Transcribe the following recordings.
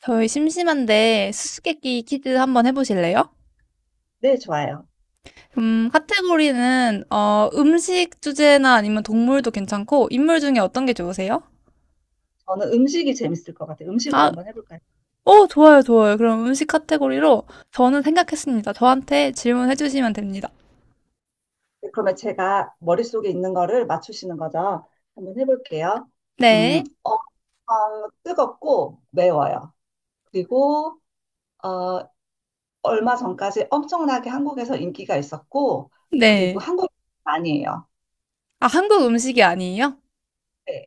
저희 심심한데 수수께끼 퀴즈 한번 해보실래요? 네, 좋아요. 카테고리는 음식 주제나 아니면 동물도 괜찮고 인물 중에 어떤 게 좋으세요? 저는 음식이 재밌을 것 같아요. 음식으로 아, 한번 해볼까요? 좋아요, 좋아요. 그럼 음식 카테고리로 저는 생각했습니다. 저한테 질문해 주시면 됩니다. 네, 그러면 제가 머릿속에 있는 거를 맞추시는 거죠. 한번 해볼게요. 네, 뜨겁고 매워요. 그리고 어, 얼마 전까지 엄청나게 한국에서 인기가 있었고, 그리고 네. 한국 많이 해요. 아, 한국 음식이 아니에요? 네,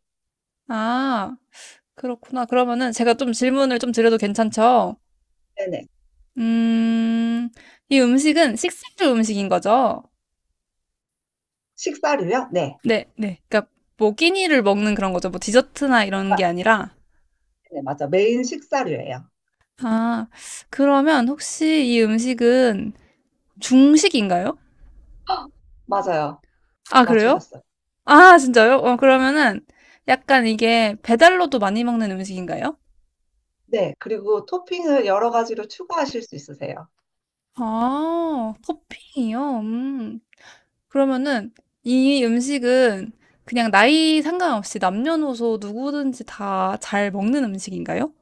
아, 그렇구나. 그러면은 제가 좀 질문을 좀 드려도 괜찮죠? 네네. 음, 이 음식은 식사류 음식인 거죠? 식사류요? 네. 네, 네. 그러니까 뭐 끼니를 먹는 그런 거죠. 뭐 디저트나 이런 아, 게 아니라. 네, 맞아. 메인 식사류예요. 아, 그러면 혹시 이 음식은 중식인가요? 헉, 맞아요. 아, 그래요? 맞추셨어요. 아, 진짜요? 그러면은 약간 이게 배달로도 많이 먹는 음식인가요? 네, 그리고 토핑을 여러 가지로 추가하실 수 있으세요. 아, 토핑이요? 음. 그러면은 이 음식은 그냥 나이 상관없이 남녀노소 누구든지 다 잘 먹는 음식인가요?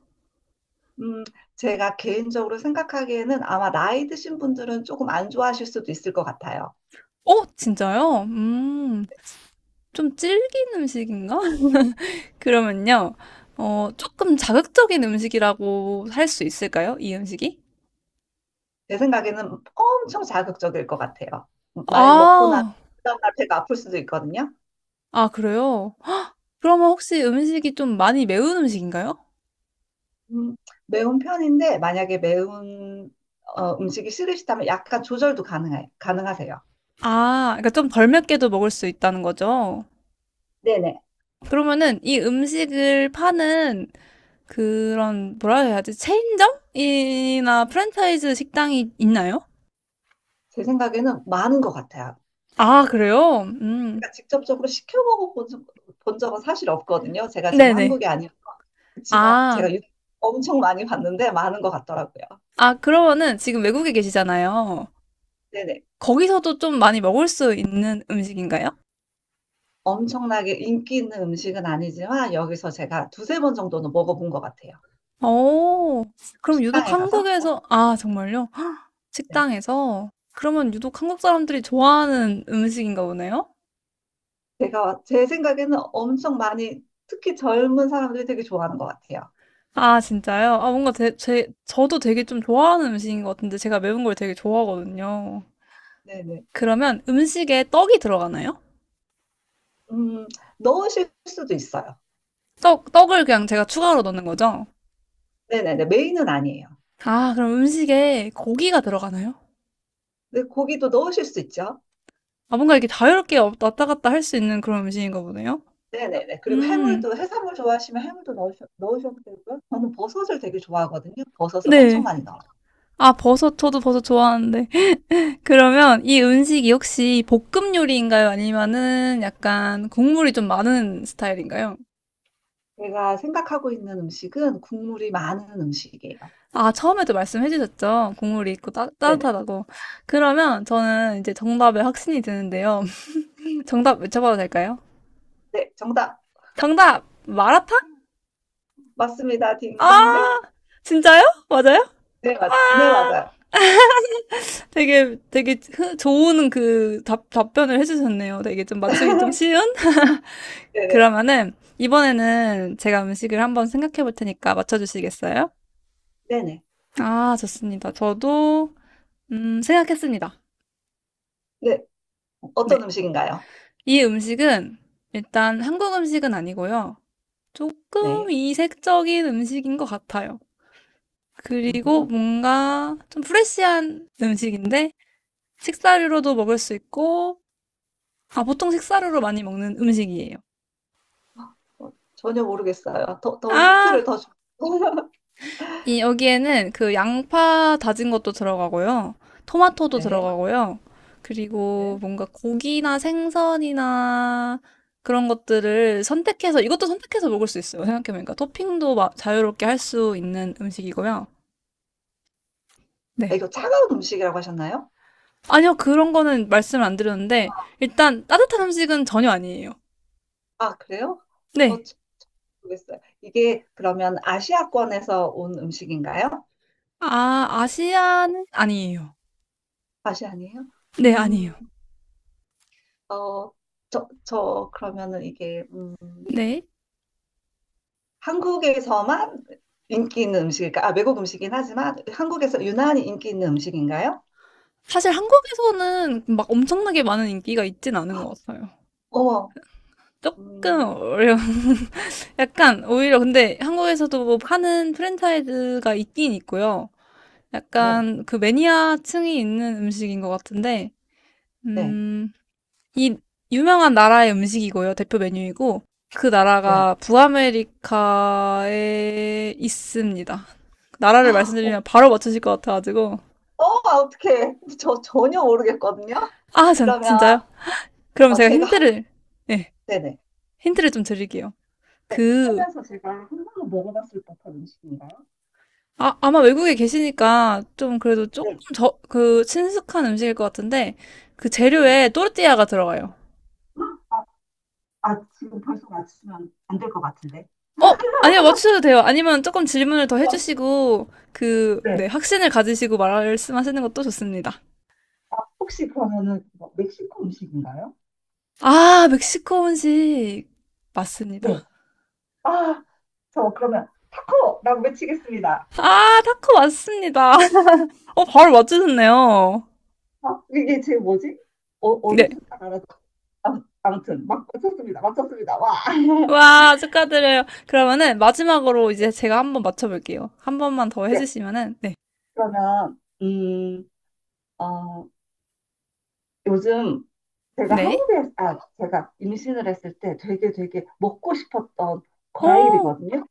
음, 제가 개인적으로 생각하기에는 아마 나이 드신 분들은 조금 안 좋아하실 수도 있을 것 같아요. 진짜요? 좀 질긴 음식인가? 그러면요, 조금 자극적인 음식이라고 할 수 있을까요? 이 음식이? 제 생각에는 엄청 자극적일 것 같아요. 만약에 먹고 나면 아, 그 다음날 배가 아플 수도 있거든요. 아, 그래요? 그러면 혹시 음식이 좀 많이 매운 음식인가요? 음, 매운 편인데 만약에 매운 음식이 싫으시다면 약간 가능하세요. 아, 그러니까 좀 덜 맵게도 먹을 수 있다는 거죠. 네네. 그러면은 이 음식을 파는 그런, 뭐라 해야 하지? 체인점이나 프랜차이즈 식당이 있나요? 제 생각에는 많은 것 같아요. 아, 그래요? 제가 직접적으로 시켜 먹어본 적- 본 적은 사실 없거든요. 제가 지금 네네. 한국에 아니어서. 그렇지만 아, 제가 유- 엄청 많이 봤는데 많은 것 같더라고요. 아, 그러면은 지금 외국에 계시잖아요. 네네. 거기서도 좀 많이 먹을 수 있는 음식인가요? 엄청나게 인기 있는 음식은 아니지만 여기서 제가 두세 번 정도는 먹어본 것 같아요. 오, 그럼 유독 식당에 가서. 한국에서, 아, 정말요? 헉, 네. 식당에서? 그러면 유독 한국 사람들이 좋아하는 음식인가 보네요? 제가 제 생각에는 엄청 많이 특히 젊은 사람들이 되게 좋아하는 것 같아요. 아, 진짜요? 아, 뭔가 저도 되게 좀 좋아하는 음식인 것 같은데 제가 매운 걸 되게 좋아하거든요. 네네. 그러면 음식에 떡이 들어가나요? 음, 넣으실 수도 있어요. 떡을 그냥 제가 추가로 넣는 거죠? 네네네. 메인은 아니에요. 아, 그럼 음식에 고기가 들어가나요? 근데 고기도 넣으실 수 있죠. 아, 뭔가 이렇게 자유롭게 왔다 갔다 할 수 있는 그런 음식인가 보네요? 네네네. 그리고 음, 해물도 해산물 좋아하시면 해물도 넣으셔도 되고요. 저는 버섯을 되게 좋아하거든요. 버섯을 엄청 네. 많이 넣어요. 아, 버섯, 저도 버섯 좋아하는데. 그러면 이 음식이 혹시 볶음 요리인가요? 아니면은 약간 국물이 좀 많은 스타일인가요? 제가 생각하고 있는 음식은 국물이 많은 음식이에요. 아, 처음에도 말씀해 주셨죠? 국물이 있고 네네. 따뜻하다고. 그러면 저는 이제 정답에 확신이 드는데요. 정답 외쳐봐도 될까요? 네, 정답. 정답! 마라탕? 맞습니다. 아! 딩동대. 진짜요? 맞아요? 네, 맞아. 네, 아! 맞아요. 되게 좋은 그 답변을 해주셨네요. 되게 좀 맞추기 좀 쉬운? 네네. 그러면은 이번에는 제가 음식을 한번 생각해 볼 테니까 맞춰 주시겠어요? 네네. 아, 좋습니다. 저도 생각했습니다. 네. 어떤 네. 음식인가요? 이 음식은 일단 한국 음식은 아니고요. 조금 네. 이색적인 음식인 것 같아요. 그리고 음. 뭔가 좀 프레시한 음식인데 식사류로도 먹을 수 있고 아, 보통 식사류로 많이 먹는 음식이에요. 어, 전혀 모르겠어요. 더, 더 힌트를 아, 더 주... 이 여기에는 그 양파 다진 것도 들어가고요. 토마토도 네. 들어가고요. 그리고 네. 뭔가 고기나 생선이나 그런 것들을 선택해서 이것도 선택해서 먹을 수 있어요. 생각해보니까 토핑도 자유롭게 할 수 있는 음식이고요. 아, 네. 이거 차가운 음식이라고 하셨나요? 아니요, 그런 거는 말씀을 안 드렸는데 일단 따뜻한 음식은 전혀 아니에요. 아, 그래요? 어, 네. 저- 모르겠어요. 이게 그러면 아시아권에서 온 음식인가요? 아, 아시아는 아니에요. 아시아니에요? 네, 음, 아니에요. 어, 그러면은 이게 네. 한국에서만 인기 있는 음식일까? 아, 외국 음식이긴 하지만 한국에서 유난히 인기 있는 음식인가요? 사실 한국에서는 막 엄청나게 많은 인기가 있진 않은 것 같아요. 어, 조금 음, 어려운. 약간 오히려 근데 한국에서도 뭐 하는 프랜차이즈가 있긴 있고요. 네. 약간 그 매니아층이 있는 음식인 것 같은데, 네, 음, 이 유명한 나라의 음식이고요. 대표 메뉴이고, 그 네. 나라가 북아메리카에 있습니다. 나라를 어, 어, 말씀드리면 바로 맞추실 것 같아가지고. 아, 어떡해. 저 전혀 모르겠거든요. 아, 그러면 진짜요? 그럼 제가 제가 한, 번, 힌트를, 네, 네네. 힌트를 좀 드릴게요. 네, 그 하면서 제가 한 번도 먹어봤을 법한 음식인가요? 아, 아마 외국에 계시니까 좀 그래도 조금 네. 저, 그 친숙한 음식일 것 같은데 그 네. 재료에 또르띠아가 들어가요. 아, 아, 지금 벌써 맞추면 안 될 것 같은데. 어, 아니요, 맞추셔도 돼요. 아니면 조금 질문을 더 해주시고 그, 네, 네. 확신을 가지시고 말씀하시는 것도 좋습니다. 혹시 그러면은 뭐 멕시코 음식인가요? 아, 멕시코 음식 네. 맞습니다. 아, 저 그러면 타코라고 외치겠습니다. 아, 타코 맞습니다. 어, 바로 맞추셨네요. 아, 이게 제 뭐지? 어, 네. 어디서 딱 알아서. 아, 아무튼, 막 맞췄습니다. 맞췄습니다. 와. 와, 축하드려요. 그러면은 마지막으로 이제 제가 한번 맞춰볼게요. 한 번만 더 네, 해주시면은, 네. 그러면, 어, 요즘 네. 아, 제가 임신을 했을 때 되게 먹고 싶었던 어, 과일이거든요.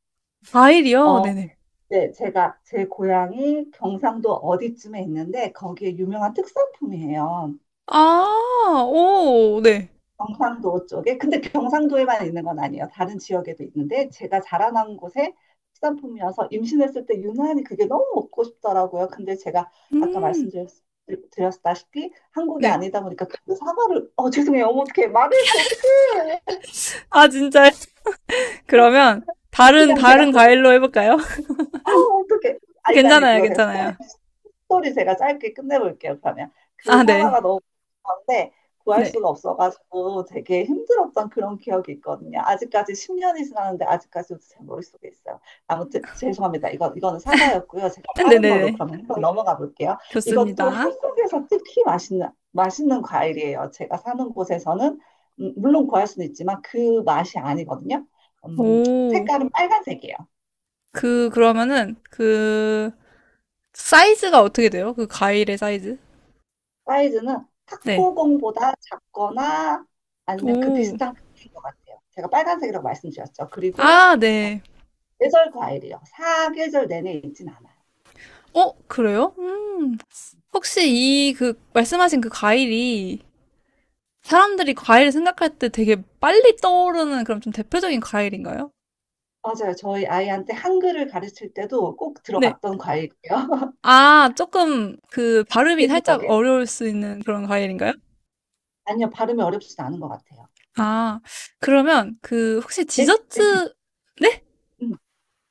과일이요? 어, 네네. 네, 제가 제 고향이 경상도 어디쯤에 있는데 거기에 유명한 특산품이에요. 아, 오, 네. 경상도 쪽에. 근데 경상도에만 있는 건 아니에요. 다른 지역에도 있는데 제가 자라난 곳에 특산품이어서 임신했을 때 유난히 그게 너무 먹고 싶더라고요. 근데 제가 아까 음, 말씀드렸다시피 한국이 네. 아니다 보니까 그 사과를 어 죄송해요. 어머 어떡해. 말을 했어. 어떡해. 아, 진짜. 어, 그러면, 그 냥 제가 갔 다른 거 과일로 해볼까요? 아 어떡해. 아 일단 괜찮아요, 이거 제가 괜찮아요. 스토리 제가 짧게 끝내볼게요, 그러면. 그 아, 사과가 네. 너무 한데 구할 네. 수가 없어가지고 되게 힘들었던 그런 기억이 있거든요. 아직까지 10년이 지났는데 아직까지도 제 머릿속에 있어요. 아무튼 죄송합니다. 이거는 사과였고요. 제가 다른 걸로 네네네. 그러면 한번 넘어가 볼게요. 이것도 좋습니다. 한국에서 특히 맛있는 과일이에요. 제가 사는 곳에서는 물론 구할 수는 있지만 그 맛이 아니거든요. 음, 오, 색깔은 빨간색이에요. 그러면은, 그, 사이즈가 어떻게 돼요? 그 과일의 사이즈? 사이즈는 네. 탁구공보다 작거나 아니면 그 오, 비슷한 크기인 것 같아요. 제가 빨간색이라고 말씀드렸죠. 그리고 아, 네. 계절 과일이요. 사계절 내내 있진 않아요. 어, 그래요? 혹시 이, 그, 말씀하신 그 과일이, 사람들이 과일 생각할 때 되게 빨리 떠오르는 그런 좀 대표적인 과일인가요? 맞아요. 저희 아이한테 한글을 가르칠 때도 꼭 네. 들어갔던 과일이에요. 아, 조금 그 발음이 살짝 대중적인? 어려울 수 있는 그런 과일인가요? 아니요. 발음이 어렵지도 않은 것 같아요. 아, 그러면 그 혹시 되게, 되게, 디저트, 네? 음.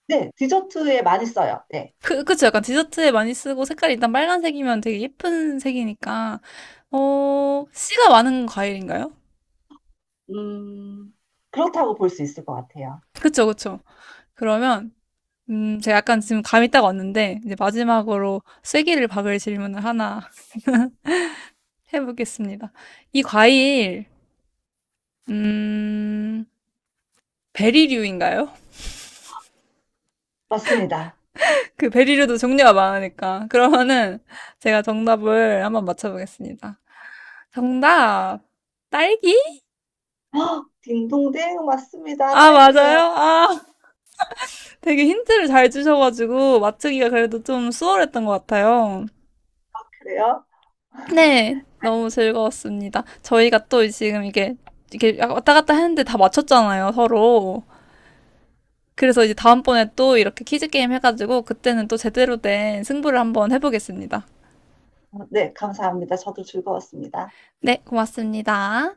네, 디저트에 많이 써요. 네. 그쵸. 약간 디저트에 많이 쓰고 색깔이 일단 빨간색이면 되게 예쁜 색이니까, 어, 씨가 많은 과일인가요? 음, 그렇다고 볼 수 있을 것 같아요. 그쵸, 그쵸. 그러면, 제가 약간 지금 감이 딱 왔는데, 이제 마지막으로 쐐기를 박을 질문을 하나 해보겠습니다. 이 과일, 음, 베리류인가요? 맞습니다. 그 베리류도 종류가 많으니까. 그러면은 제가 정답을 한번 맞춰보겠습니다. 정답! 딸기? 헉, 딩동댕 맞습니다. 아, 딸기예요. 맞아요? 아, 되게 힌트를 잘 주셔가지고 맞추기가 그래도 좀 수월했던 것 같아요. 그래요? 네, 너무 즐거웠습니다. 저희가 또 지금 이게, 이게 왔다 갔다 했는데 다 맞췄잖아요, 서로. 그래서 이제 다음번에 또 이렇게 퀴즈 게임 해가지고 그때는 또 제대로 된 승부를 한번 해보겠습니다. 어, 네, 감사합니다. 저도 즐거웠습니다. 네, 고맙습니다.